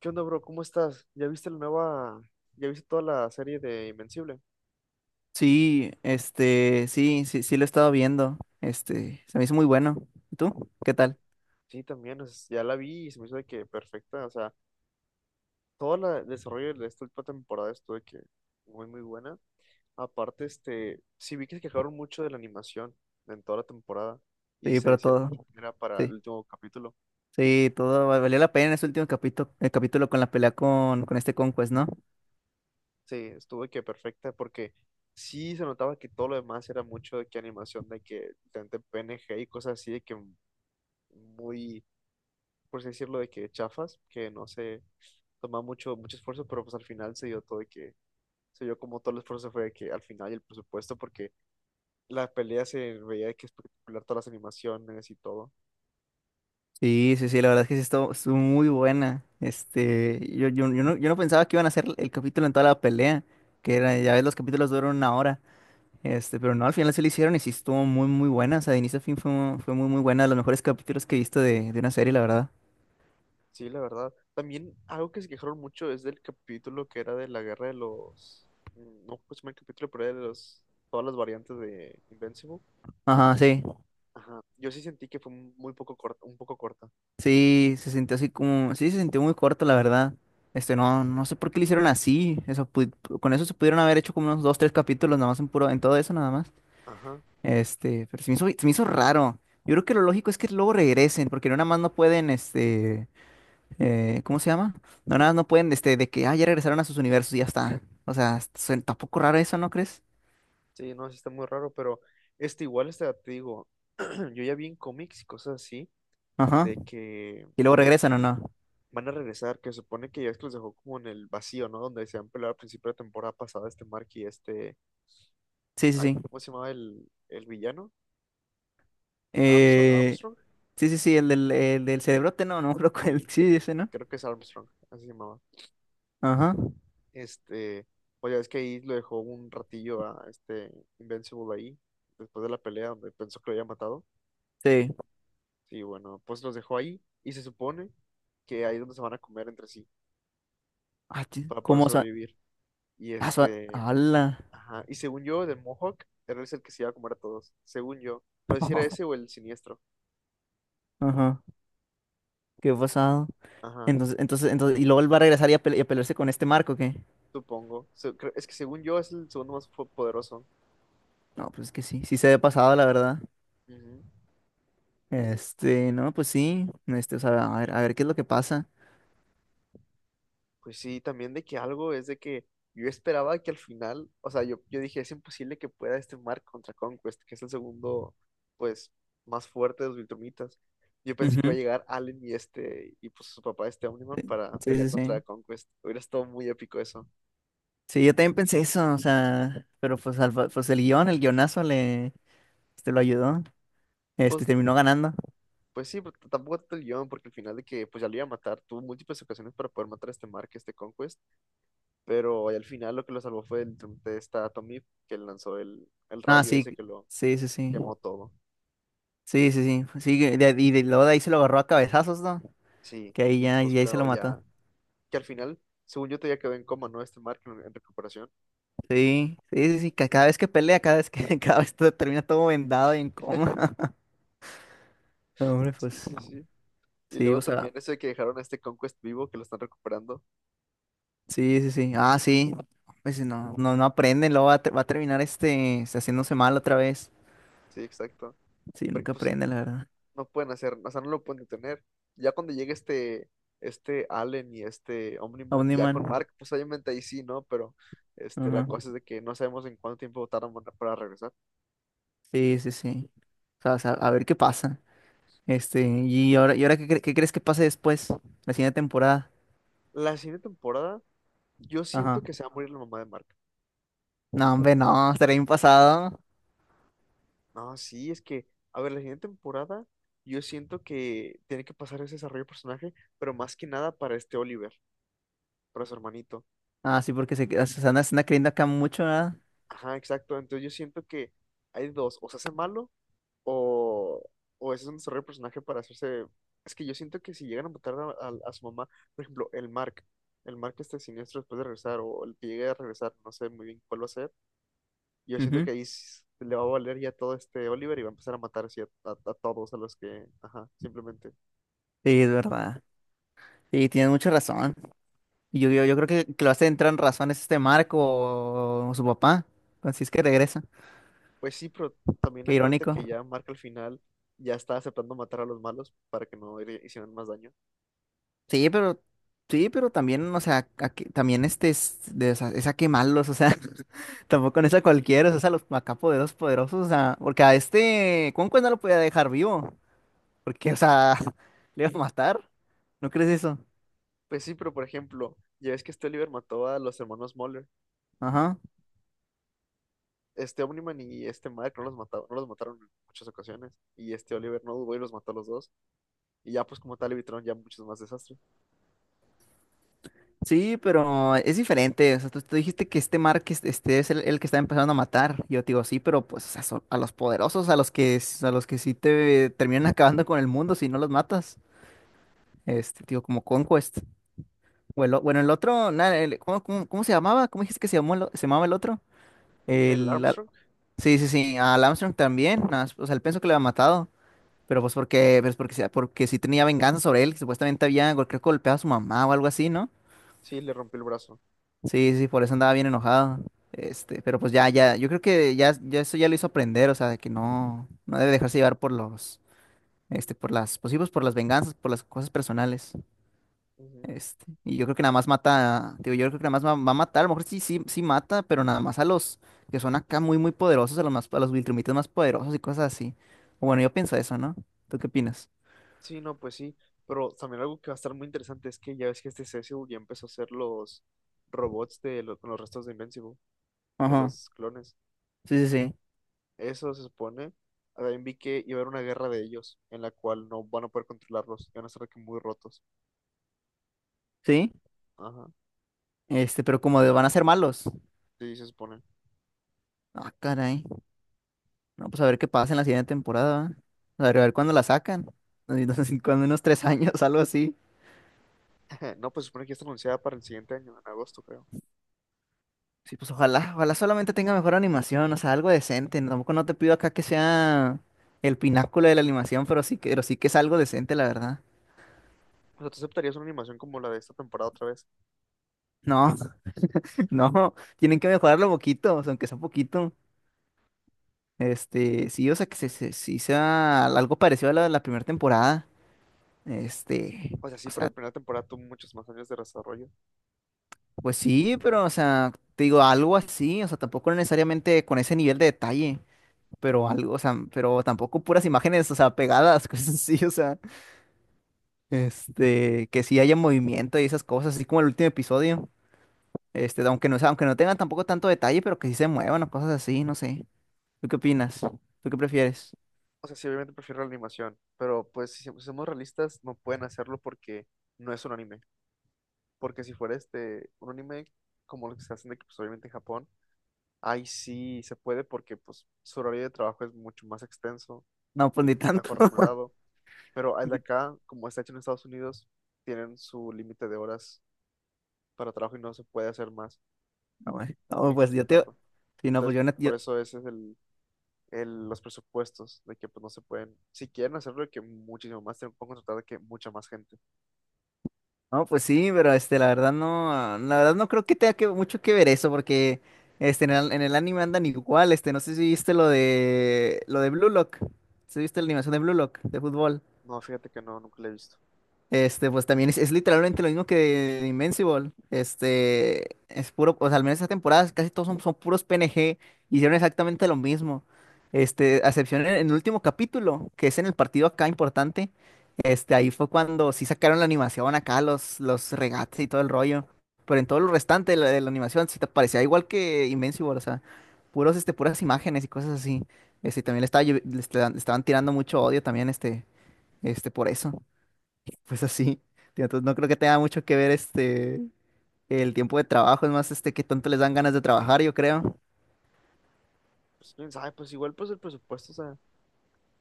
¿Qué onda, bro? ¿Cómo estás? ¿Ya viste la nueva, ya viste toda la serie de Invencible? Sí, sí, sí, sí lo he estado viendo. Se me hizo muy bueno. ¿Y tú? ¿Qué tal? Sí, también, ya la vi y se me hizo de que perfecta. O sea, el desarrollo de esta última temporada estuvo de que muy, muy buena. Aparte, sí vi que se quejaron mucho de la animación en toda la temporada, y Sí, se pero decía mucho todo. que era para el Sí, último capítulo. sí, valió la pena en ese último capítulo, el capítulo con la pelea con este Conquest, ¿no? Sí, estuvo de que perfecta, porque sí se notaba que todo lo demás era mucho de que animación, de que tanto PNG y cosas así, de que muy, por así decirlo, de que chafas, que no sé, tomaba mucho esfuerzo, pero pues al final se dio todo se dio como todo el esfuerzo fue de que al final, y el presupuesto, porque la pelea se veía de que espectacular, todas las animaciones y todo. Sí, sí, sí, la verdad es que sí estuvo muy buena. Yo no pensaba que iban a hacer el capítulo en toda la pelea, que era, ya ves, los capítulos duran una hora. Pero no, al final se lo hicieron y sí estuvo muy, muy buena. O sea, de inicio a fin fue muy, muy buena, de los mejores capítulos que he visto de una serie, la verdad. Sí, la verdad. También algo que se quejaron mucho es del capítulo que era de la guerra de los, no pues el capítulo, pero era de los, todas las variantes de Invincible. Ajá, sí. Ajá. Yo sí sentí que fue muy poco corta, un poco corta. Sí, se sintió así como, sí, se sintió muy corto, la verdad. No sé por qué lo hicieron así. Con eso se pudieron haber hecho como unos dos, tres capítulos nada más en puro, en todo eso nada más. Ajá. Pero se me hizo raro. Yo creo que lo lógico es que luego regresen, porque no nada más no pueden, ¿cómo se llama? No nada más no pueden, ya regresaron a sus universos y ya está. O sea, está un poco raro eso, ¿no crees? Sí, no, sí está muy raro, pero este igual está, te digo, yo ya vi en cómics y cosas así, Ajá. de que Y luego regresan o no. van a regresar, que supone que ya es que los dejó como en el vacío, ¿no? Donde se han peleado al principio de temporada pasada este Mark y este, Sí, sí, ay, sí. ¿cómo se llamaba el villano? Armstrong, Eh, Armstrong, sí, sí, sí, el del cerebrote, no, no creo que el, sí, sí, ese, ¿no? creo que es Armstrong, así se llamaba. Ajá. Este, pues ya es que ahí lo dejó un ratillo a este Invincible ahí, después de la pelea donde pensó que lo había matado. Sí. Sí, bueno, pues los dejó ahí y se supone que ahí es donde se van a comer entre sí Ah, ti- para poder ¿Cómo sa- sobrevivir. Y Ah, este, ¡Hala! ajá. Y según yo, del Mohawk, era ese el que se iba a comer a todos. Según yo. No sé si era ese o el siniestro. Ajá. ¿Qué pasado? Ajá, Entonces, y luego él va a regresar y a pelearse con este Marco, ¿qué? supongo. Es que según yo es el segundo más poderoso. No, pues es que sí, sí se ve pasado, la verdad. Ujú. Este, no, Pues sí. O sea, a ver qué es lo que pasa. Pues sí, también de que algo es de que yo esperaba que al final, o sea, yo dije, es imposible que pueda este Mark contra Conquest, que es el segundo, pues, más fuerte de los Viltrumitas. Yo pensé que iba a Ujú. llegar Allen y este, y pues su papá, este Omniman, para Sí, sí, pelear contra sí. Conquest. Hubiera estado muy épico eso. Sí, yo también pensé eso, o sea, pero pues, pues el guionazo lo ayudó. Pues Terminó ganando. pues sí, pero tampoco tanto el guión, porque al final de que pues ya lo iba a matar, tuvo múltiples ocasiones para poder matar a este Mark, este Conquest, pero al final lo que lo salvó fue de esta Tommy, que lanzó el Ah, rayo sí, ese que lo sí, sí, sí. quemó todo. Sí, sí, sí. Sí, que de- y de- Luego de ahí se lo agarró a cabezazos, ¿no? Sí, Que ahí y ya, pues y ahí se quedó lo ya, mató. que al final, según yo, todavía quedó en coma, ¿no? Este Mark en recuperación. Sí, sí, sí, sí, cada vez que pelea, cada vez todo termina todo vendado y en coma. No, hombre, Sí, pues, sí, sí. Y sí, luego o también sea, eso de que dejaron a este Conquest vivo, que lo están recuperando. sí, sí, sí. Ah, sí. Pues si no, no, no aprenden, luego va a terminar haciéndose mal otra vez. Sí, exacto. Sí, Porque nunca pues aprende, la verdad. no pueden hacer, o sea, no lo pueden detener. Ya cuando llegue este, este Allen y este Omniman, ya Omniman. con Mark, pues obviamente ahí sí, ¿no? Pero este, la Ajá. cosa es de que no sabemos en cuánto tiempo tardan para regresar. Sí, sí, sí. O sea, a ver qué pasa. Y ahora ¿qué crees que pase después? La siguiente temporada. La siguiente temporada, yo Ajá. siento que se va a morir la mamá de Mark. No, hombre, no, estaría bien pasado. No, sí, es que, a ver, la siguiente temporada, yo siento que tiene que pasar ese desarrollo de personaje, pero más que nada para este Oliver, para su hermanito. Ah, sí, porque se andan creyendo acá mucho, ¿verdad? Ajá, exacto. Entonces yo siento que hay dos, o se hace malo, O, o ese es un desarrollo de personaje para hacerse... Es que yo siento que si llegan a matar a, a su mamá, por ejemplo, el Mark este siniestro después de regresar, o el que llegue a regresar, no sé muy bien cuál va a ser, yo siento Ujú. que ahí le va a valer ya todo este Oliver y va a empezar a matar así a, a todos, a los que, ajá, simplemente. Sí, es verdad. Y tienes mucha razón. Y yo creo que lo hace entrar en razón es este Marco o su papá. Así es que regresa. Pues sí, pero también Qué acuérdate irónico. que ya Mark al final ya está aceptando matar a los malos para que no le hicieran más daño. Sí, pero, sí, pero también, o sea, también es a quemarlos, o sea, tampoco no es a cualquiera, es a los acá poderosos, poderosos, o sea, porque a este Conquest no lo podía dejar vivo, porque, o sea, le iba a matar. ¿No crees eso? Pues sí, pero por ejemplo, ya ves que este Oliver mató a los hermanos Muller, Ajá. este Omniman y este Mike no los mataron, no los mataron en muchas ocasiones. Y este Oliver no dudó y los mató a los dos. Y ya pues como tal evitaron ya muchos más desastres. Sí, pero es diferente. O sea, tú dijiste que este es el que está empezando a matar. Yo te digo, sí, pero pues o sea, son a los poderosos, a los a los que sí te terminan acabando con el mundo si no los matas. Este, tío, como Conquest. Bueno, el otro, ¿cómo, cómo se llamaba? ¿Cómo dijiste que se llamó se llamaba el otro? El El Al- Armstrong, Sí, sí, sí, al Armstrong también. Nada más, o sea, él pensó que le había matado, pero pues porque sí tenía venganza sobre él, que supuestamente había creo que golpeado a su mamá o algo así, ¿no? sí, le rompió el brazo. Sí, sí, por eso andaba bien enojado. Yo creo ya eso ya lo hizo aprender, o sea, de que no, no debe dejarse llevar por pues sí, pues, por las venganzas, por las cosas personales. Ujú. Y yo creo que nada más mata, digo, yo creo que nada más va a matar, a lo mejor sí, sí, sí mata, pero nada más a los que son acá muy, muy poderosos, a los más, a los Viltrumitas más poderosos y cosas así. Bueno, yo pienso eso, ¿no? ¿Tú qué opinas? Sí, no, pues sí. Pero también algo que va a estar muy interesante es que ya ves que este Cecil ya empezó a hacer los robots con los restos de Invincible, de Ajá, los clones. sí, sí, sí, Eso se supone. También vi que iba a haber una guerra de ellos, en la cual no van a poder controlarlos, y van a estar aquí muy rotos. sí, Ajá, pero van a ser malos. sí, se supone. Ah, caray. No, pues a ver qué pasa en la siguiente temporada. ¿Va? A ver cuándo la sacan. Así, cuando unos tres años, algo así. No, pues se supone que ya está anunciada para el siguiente año, en agosto, creo. Sí, pues ojalá, ojalá solamente tenga mejor animación, o sea, algo decente. Tampoco no te pido acá que sea el pináculo de la animación, pero sí que es algo decente, la verdad. O sea, ¿tú aceptarías una animación como la de esta temporada otra vez? No, no, tienen que mejorarlo poquito, o sea, aunque sea poquito. Sí, o sea, que sí sea algo parecido a la de la primera temporada. Este, O sea, sí, o pero sea, la primera temporada tuvo muchos más años de desarrollo. Pues sí, pero, o sea, te digo, algo así, o sea, tampoco necesariamente con ese nivel de detalle, pero algo, o sea, pero tampoco puras imágenes, o sea, pegadas, cosas así, o sea, que sí haya movimiento y esas cosas, así como el último episodio, aunque no, o sea, aunque no tengan tampoco tanto detalle, pero que sí se muevan o cosas así, no sé. ¿Tú qué opinas? ¿Tú qué prefieres? O sea, sí, obviamente prefiero la animación, pero pues si somos realistas, no pueden hacerlo porque no es un anime. Porque si fuera este, un anime como lo que se hacen de que, pues, obviamente en Japón, ahí sí se puede porque pues su horario de trabajo es mucho más extenso No, pues y ni tanto. mejor remunerado. Pero al de Ni- acá, como está hecho en Estados Unidos, tienen su límite de horas para trabajo y no se puede hacer más. No, pues no, Tienen que pues, yo te... respetarlo. Sí, no, pues Entonces, yo, por eso ese es los presupuestos, de que pues no se pueden, si quieren hacerlo, de que muchísimo más, tienen que contratar de que mucha más gente. no, pues sí, pero la verdad no, ah, la verdad no creo que mucho que ver eso, porque en el anime andan igual, no sé si viste lo de Blue Lock, si viste la animación de Blue Lock, de fútbol. No, fíjate que no, nunca lo he visto. Pues también es literalmente lo mismo que Invincible. Es puro, o sea, al menos esta temporada casi todos son puros PNG. Hicieron exactamente lo mismo. A excepción en el último capítulo, que es en el partido acá importante. Ahí fue cuando sí sacaron la animación acá, los regates y todo el rollo. Pero en todo lo restante de la animación sí te parecía igual que Invincible, o sea, puros, puras imágenes y cosas así. Este, también le, estaba, lle- le estaban tirando mucho odio también, por eso. Pues así, tío, entonces no creo que tenga mucho que ver el tiempo de trabajo, es más que tanto les dan ganas de trabajar, yo creo. Pues quién sabe, pues igual pues el presupuesto, o sea,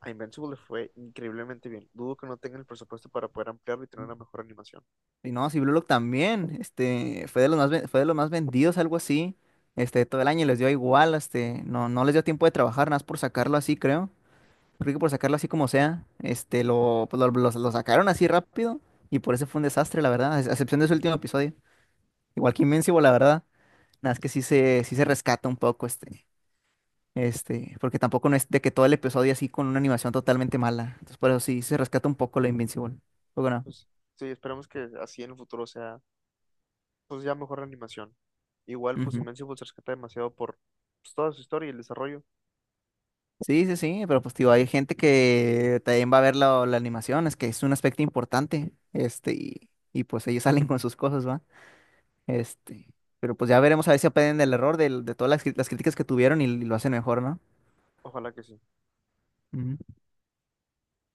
a Invincible le fue increíblemente bien. Dudo que no tengan el presupuesto para poder ampliarlo y tener una mejor animación. Y no, si Blue Lock también, fue de los más vendidos, algo así, todo el año y les dio igual, no les dio tiempo de trabajar, nada más por sacarlo así, creo. Creo que por sacarlo así como sea, este, lo, pues, lo sacaron así rápido y por eso fue un desastre, la verdad, a excepción de su último episodio. Igual que Invincible, la verdad, nada, es que sí se rescata un poco, este. Porque tampoco no es de que todo el episodio así con una animación totalmente mala. Entonces, por eso sí se rescata un poco la Invincible. Poco no. Pues sí, esperemos que así en el futuro sea, pues ya mejor animación. Igual pues Ujú. Invincible se rescata demasiado por pues, toda su historia y el desarrollo. Sí, sí, sí, pero pues digo hay gente que también va a ver la animación, es que es un aspecto importante. Pues ellos salen con sus cosas, ¿va? Este, pero pues ya veremos a ver si aprenden de todas las, las críticas que tuvieron y lo hacen mejor, ¿no? Ojalá que sí. Ujú.